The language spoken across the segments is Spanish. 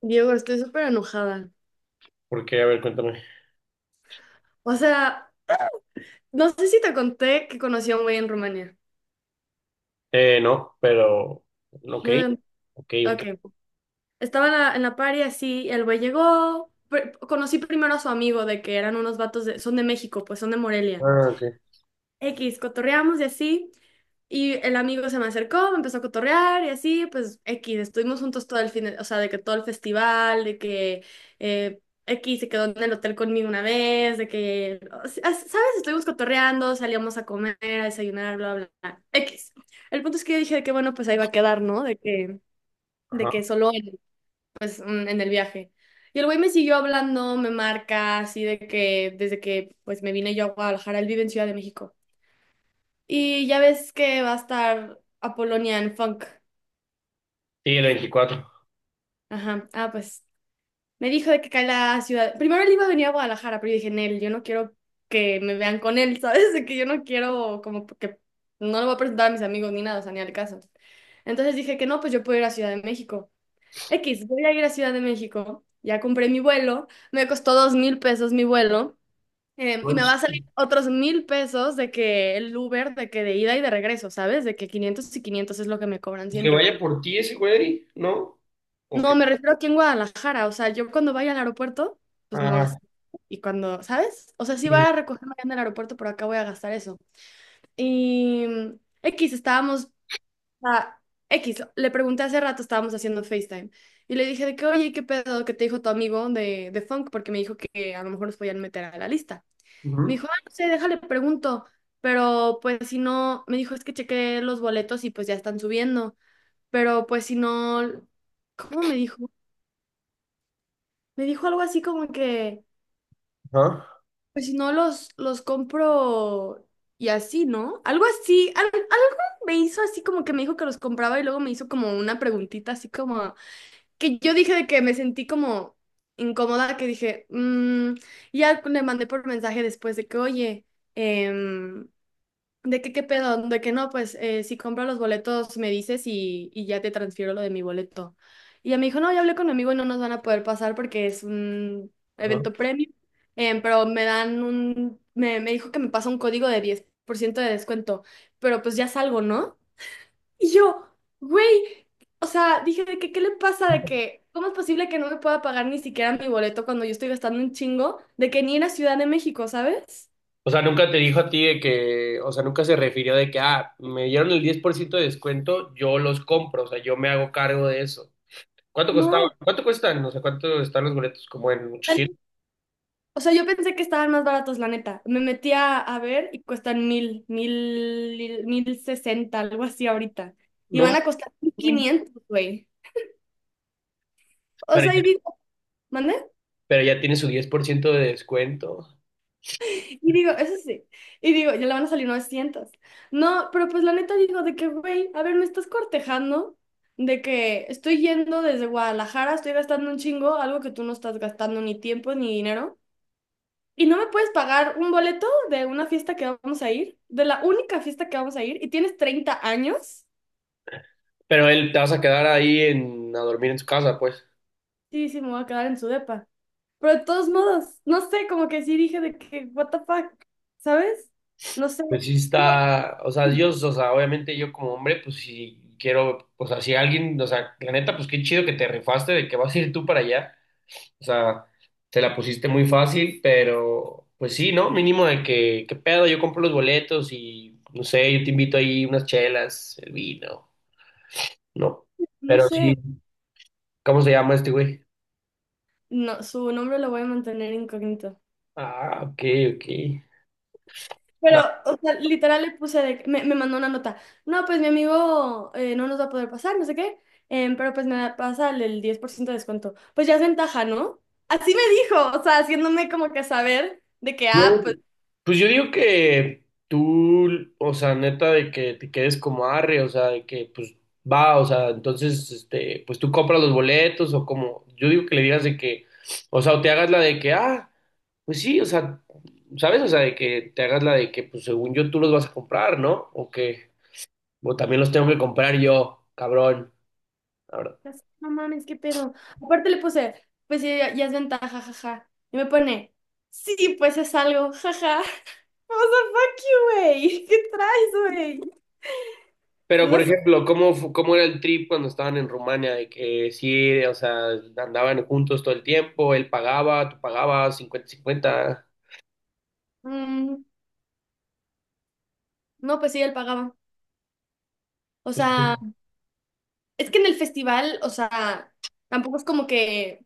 Diego, estoy súper enojada. Porque, a ver, cuéntame. O sea, no sé si te conté que conocí a un güey en Rumania. No, pero, ok, No te- ok, ok. Ok. Estaba en la party así, el güey llegó. Conocí primero a su amigo de que eran unos vatos de, son de México, pues son de Morelia. Ah, ok, X, cotorreamos y así. Y el amigo se me acercó, me empezó a cotorrear y así, pues X, estuvimos juntos todo el fin, o sea, de que todo el festival, de que eh, X se quedó en el hotel conmigo una vez, de que, o sea, ¿sabes? Estuvimos cotorreando, salíamos a comer, a desayunar, bla, bla, bla. X. El punto es que yo dije de que, bueno, pues ahí va a quedar, ¿no? De ajá. que solo él, pues en el viaje. Y el güey me siguió hablando, me marca, así de que desde que pues me vine yo a Guadalajara, él vive en Ciudad de México. Y ya ves que va a estar Apolonia Funk. Sí, el 24. Ajá. Ah, pues me dijo de que cae la ciudad. Primero él iba a venir a Guadalajara, pero yo dije, Nel, yo no quiero que me vean con él, ¿sabes? De que yo no quiero, como que no lo voy a presentar a mis amigos ni nada, o sea, ni al caso. Entonces dije que no, pues yo puedo ir a Ciudad de México. X, voy a ir a Ciudad de México. Ya compré mi vuelo, me costó 2000 pesos mi vuelo. Y me va Manches. a salir otros 1000 pesos de que el Uber, de que de ida y de regreso, ¿sabes? De que 500 y 500 es lo que me cobran Pues que siempre. vaya por ti ese güey, ¿no? Ok. No, me refiero aquí en Guadalajara. O sea, yo cuando vaya al aeropuerto, pues no Ah, gasto. Y cuando, ¿sabes? O sea, sí voy sí. a recogerme allá en el aeropuerto, pero acá voy a gastar eso. Y X, estábamos, a X, le pregunté hace rato, estábamos haciendo FaceTime. Y le dije de que, oye, ¿qué pedo que te dijo tu amigo de Funk? Porque me dijo que a lo mejor nos podían meter a la lista. Me Ujú, dijo, ah, no sé, déjale, pregunto. Pero pues si no, me dijo, es que chequé los boletos y pues ya están subiendo. Pero pues si no, ¿cómo me dijo? Me dijo algo así como que, ajá, pues si no los compro y así, ¿no? Algo así, algo me hizo así como que me dijo que los compraba y luego me hizo como una preguntita así como, que yo dije de que me sentí como incómoda, que dije, mm, y ya le mandé por mensaje después de que, oye, em, de que qué pedo, de que no, pues si compro los boletos me dices y ya te transfiero lo de mi boleto. Y ella me dijo, no, ya hablé con mi amigo y no nos van a poder pasar porque es un ajá. evento premium, pero me dijo que me pasa un código de 10% de descuento, pero pues ya salgo, ¿no? Y yo, güey, o sea, dije, ¿de que qué le pasa? De que, ¿cómo es posible que no me pueda pagar ni siquiera mi boleto cuando yo estoy gastando un chingo de que ni en la Ciudad de México, ¿sabes? O sea, nunca te dijo a ti de que, o sea, nunca se refirió de que, ah, me dieron el 10% de descuento, yo los compro, o sea, yo me hago cargo de eso. ¿Cuánto costaba? No. ¿Cuánto cuestan? O sea, ¿cuánto están los boletos? Como en 800. O sea, yo pensé que estaban más baratos, la neta. Me metí a ver y cuestan mil sesenta, algo así ahorita. Y van No, a costar 1500, güey. O pero sea, ya, y digo, ¿mande? pero ya tiene su 10% de descuento. Y digo, eso sí. Y digo, ya le van a salir 900. No, pero pues la neta digo, de que, güey, a ver, me estás cortejando de que estoy yendo desde Guadalajara, estoy gastando un chingo, algo que tú no estás gastando ni tiempo ni dinero. ¿Y no me puedes pagar un boleto de una fiesta que vamos a ir? De la única fiesta que vamos a ir. ¿Y tienes 30 años? Pero él te vas a quedar ahí en, a dormir en su casa, pues. Sí, sí, me voy a quedar en su depa. Pero de todos modos, no sé, como que sí dije de que, what the fuck, ¿sabes? No sé. Pues sí Digo, está, o sea, Dios, o sea, obviamente yo como hombre, pues si quiero, o sea, si alguien, o sea, la neta, pues qué chido que te rifaste de que vas a ir tú para allá. O sea, te la pusiste muy fácil, pero pues sí, ¿no? Mínimo de que, qué pedo, yo compro los boletos y, no sé, yo te invito ahí unas chelas, el vino, ¿no? no Pero sí, sé. ¿cómo se llama este güey? No, su nombre lo voy a mantener incógnito. Ah, ok, ok. Pero, No, o sea, literal le puse, me mandó una nota. No, pues mi amigo no nos va a poder pasar, no sé qué, pero pues pasa el 10% de descuento. Pues ya es ventaja, ¿no? Así me dijo, o sea, haciéndome como que saber de que, güey, ah, pues, pues yo digo que tú, o sea, neta, de que te quedes como arre, o sea, de que pues va, o sea, entonces, este, pues tú compras los boletos o como, yo digo que le digas de que, o sea, o te hagas la de que, ah, pues sí, o sea, ¿sabes? O sea, de que te hagas la de que, pues según yo tú los vas a comprar, ¿no? O que, o también los tengo que comprar yo, cabrón. no mames, qué pedo. Aparte le puse, pues sí, ya, ya es ventaja, jaja. Y me pone, sí, pues es algo, jaja. O sea, fuck you, güey. ¿Qué traes, güey? Pero, No por sé. ejemplo, ¿cómo, cómo era el trip cuando estaban en Rumania? De que sí, o sea, andaban juntos todo el tiempo, él pagaba, tú pagabas, 50/50. Mm, no, pues sí, él pagaba. O Pues sea. Es que en el festival, o sea, tampoco es como que,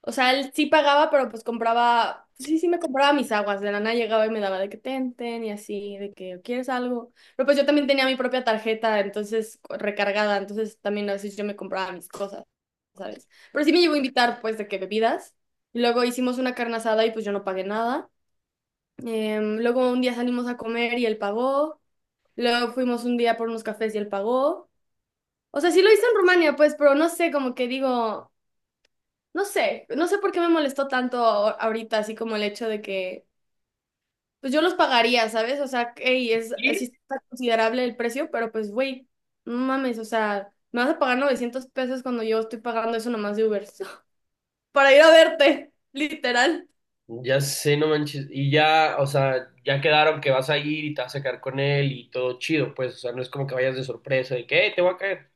o sea, él sí pagaba, pero pues compraba, pues sí, sí me compraba mis aguas, de la nada llegaba y me daba de que ten, ten, y así, de que quieres algo. Pero pues yo también tenía mi propia tarjeta, entonces recargada, entonces también a veces yo me compraba mis cosas, ¿sabes? Pero sí me llegó a invitar, pues, de que bebidas. Y luego hicimos una carne asada y pues yo no pagué nada. Luego un día salimos a comer y él pagó. Luego fuimos un día por unos cafés y él pagó. O sea, sí lo hice en Rumania, pues, pero no sé, como que digo, no sé, no sé por qué me molestó tanto ahorita, así como el hecho de que, pues yo los pagaría, ¿sabes? O sea, hey, es, sí sí, está considerable el precio, pero pues, güey, no mames, o sea, me vas a pagar 900 pesos cuando yo estoy pagando eso nomás de Uber, para ir a verte, literal. ya sé, no manches. Y ya, o sea, ya quedaron que vas a ir y te vas a quedar con él y todo chido, pues, o sea, no es como que vayas de sorpresa de que, te voy a caer."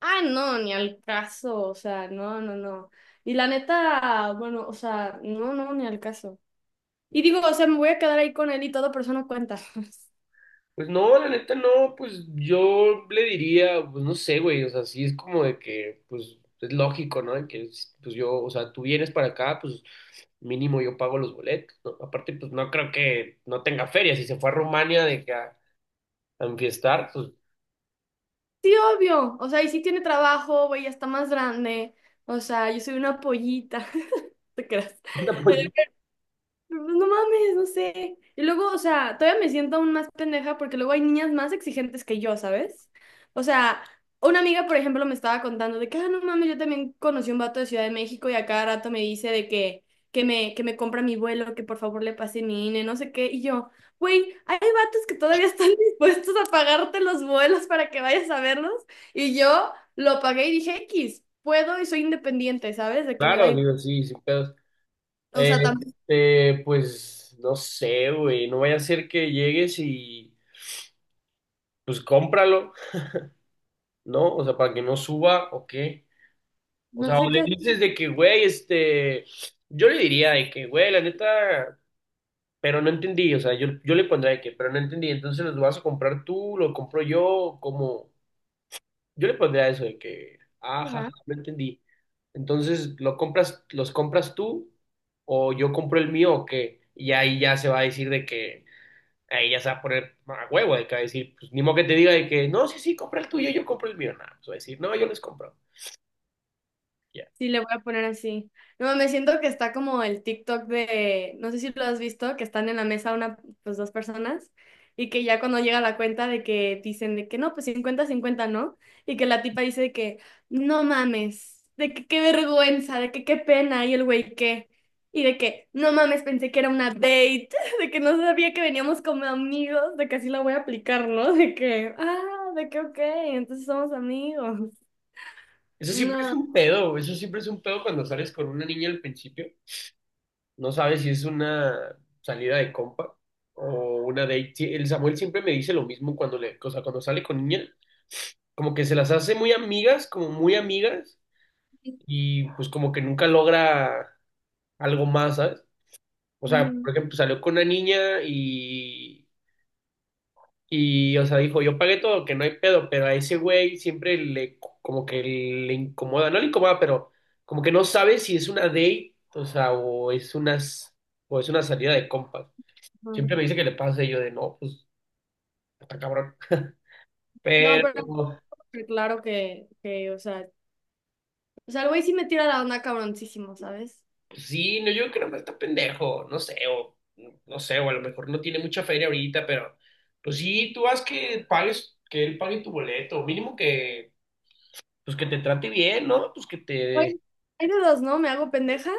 Ah, no, ni al caso, o sea, no, no, no. Y la neta, bueno, o sea, no, no, ni al caso. Y digo, o sea, me voy a quedar ahí con él y todo, pero eso no cuenta. Pues no, la neta no, pues yo le diría, pues no sé, güey, o sea, sí es como de que, pues es lógico, ¿no? De que, pues yo, o sea, tú vienes para acá, pues mínimo yo pago los boletos, ¿no? Aparte, pues no creo que no tenga feria. Si se fue a Rumania de que a enfiestar, pues Sí, obvio. O sea, y sí tiene trabajo, güey, ya está más grande. O sea, yo soy una pollita. ¿Te creas? No mames, no sé. Y luego, o sea, todavía me siento aún más pendeja porque luego hay niñas más exigentes que yo, ¿sabes? O sea, una amiga, por ejemplo, me estaba contando de que, ah, no mames, yo también conocí un vato de Ciudad de México y a cada rato me dice de que, que me compra mi vuelo, que por favor le pase mi INE, no sé qué. Y yo, güey, hay vatos que todavía están dispuestos a pagarte los vuelos para que vayas a verlos. Y yo lo pagué y dije, X, puedo y soy independiente, ¿sabes? De que me da claro, igual. digo, sí, sin pedos. O Eh, sea, Este, pues no sé, güey, no vaya a ser que llegues y pues cómpralo, ¿no? O sea, para que no suba o qué. O no sea, o sé le qué dices de que, güey, este, yo le diría de que, güey, la neta, pero no entendí, o sea, yo le pondría de que, pero no entendí, entonces los vas a comprar tú, lo compro yo, como... Yo le pondría eso de que, ajá, hacer. no entendí. Entonces, ¿lo compras, los compras tú o yo compro el mío o qué? Y ahí ya se va a decir de que, ahí ya se va a poner a huevo, de que va a decir, pues ni modo que te diga de que, no, sí, sí, compra el tuyo, yo compro el mío. No, pues va a decir, no, yo les compro. Ya. Sí, le voy a poner así. No, me siento que está como el TikTok de, no sé si lo has visto, que están en la mesa una, pues dos personas y que ya cuando llega la cuenta de que dicen de que no, pues 50/50, ¿no? Y que la tipa dice de que no mames, de que qué vergüenza, de que qué pena y el güey qué. Y de que no mames, pensé que era una date, de que no sabía que veníamos como amigos, de que así la voy a aplicar, ¿no? De que, ah, de que ok, entonces somos amigos. Eso siempre es No. un pedo, eso siempre es un pedo cuando sales con una niña al principio. No sabes si es una salida de compa o una date. Sí, el Samuel siempre me dice lo mismo cuando le, o sea, cuando sale con niña. Como que se las hace muy amigas, como muy amigas, y pues como que nunca logra algo más, ¿sabes? O sea, Ujú. por ejemplo, salió con una niña y, o sea, dijo, yo pagué todo, que no hay pedo, pero a ese güey siempre le, como que le incomoda, no le incomoda, pero como que no sabe si es una date, o sea, o es unas, o es una salida de compas. No. Siempre me dice que le pasa y yo de, no, pues, está cabrón. No, pero Pero, pero claro que, o sea, el güey sí me tira la onda cabroncísimo, ¿sabes? pues sí, no, yo creo que está pendejo, no sé, o no sé, o a lo mejor no tiene mucha feria ahorita, pero pues sí, tú haz que pagues, que él pague tu boleto, mínimo que, pues que te trate bien, ¿no? Pues que Oye, te, hay de dos, ¿no? Me hago pendeja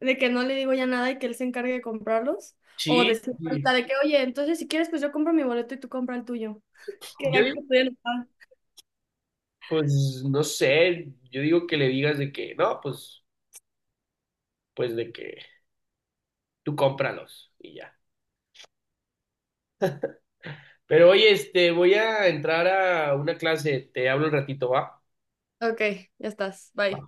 de que no le digo ya nada y que él se encargue de comprarlos. O sí, de ser sí. ahorita de que, oye, entonces si quieres, pues yo compro mi boleto y tú compra el tuyo. Que va Yo que digo, estoy enojada. pues no sé, yo digo que le digas de que, no, pues de que tú cómpralos y ya. Pero oye, este, voy a entrar a una clase, te hablo un ratito, ¿va? Ok, ya estás. Bye.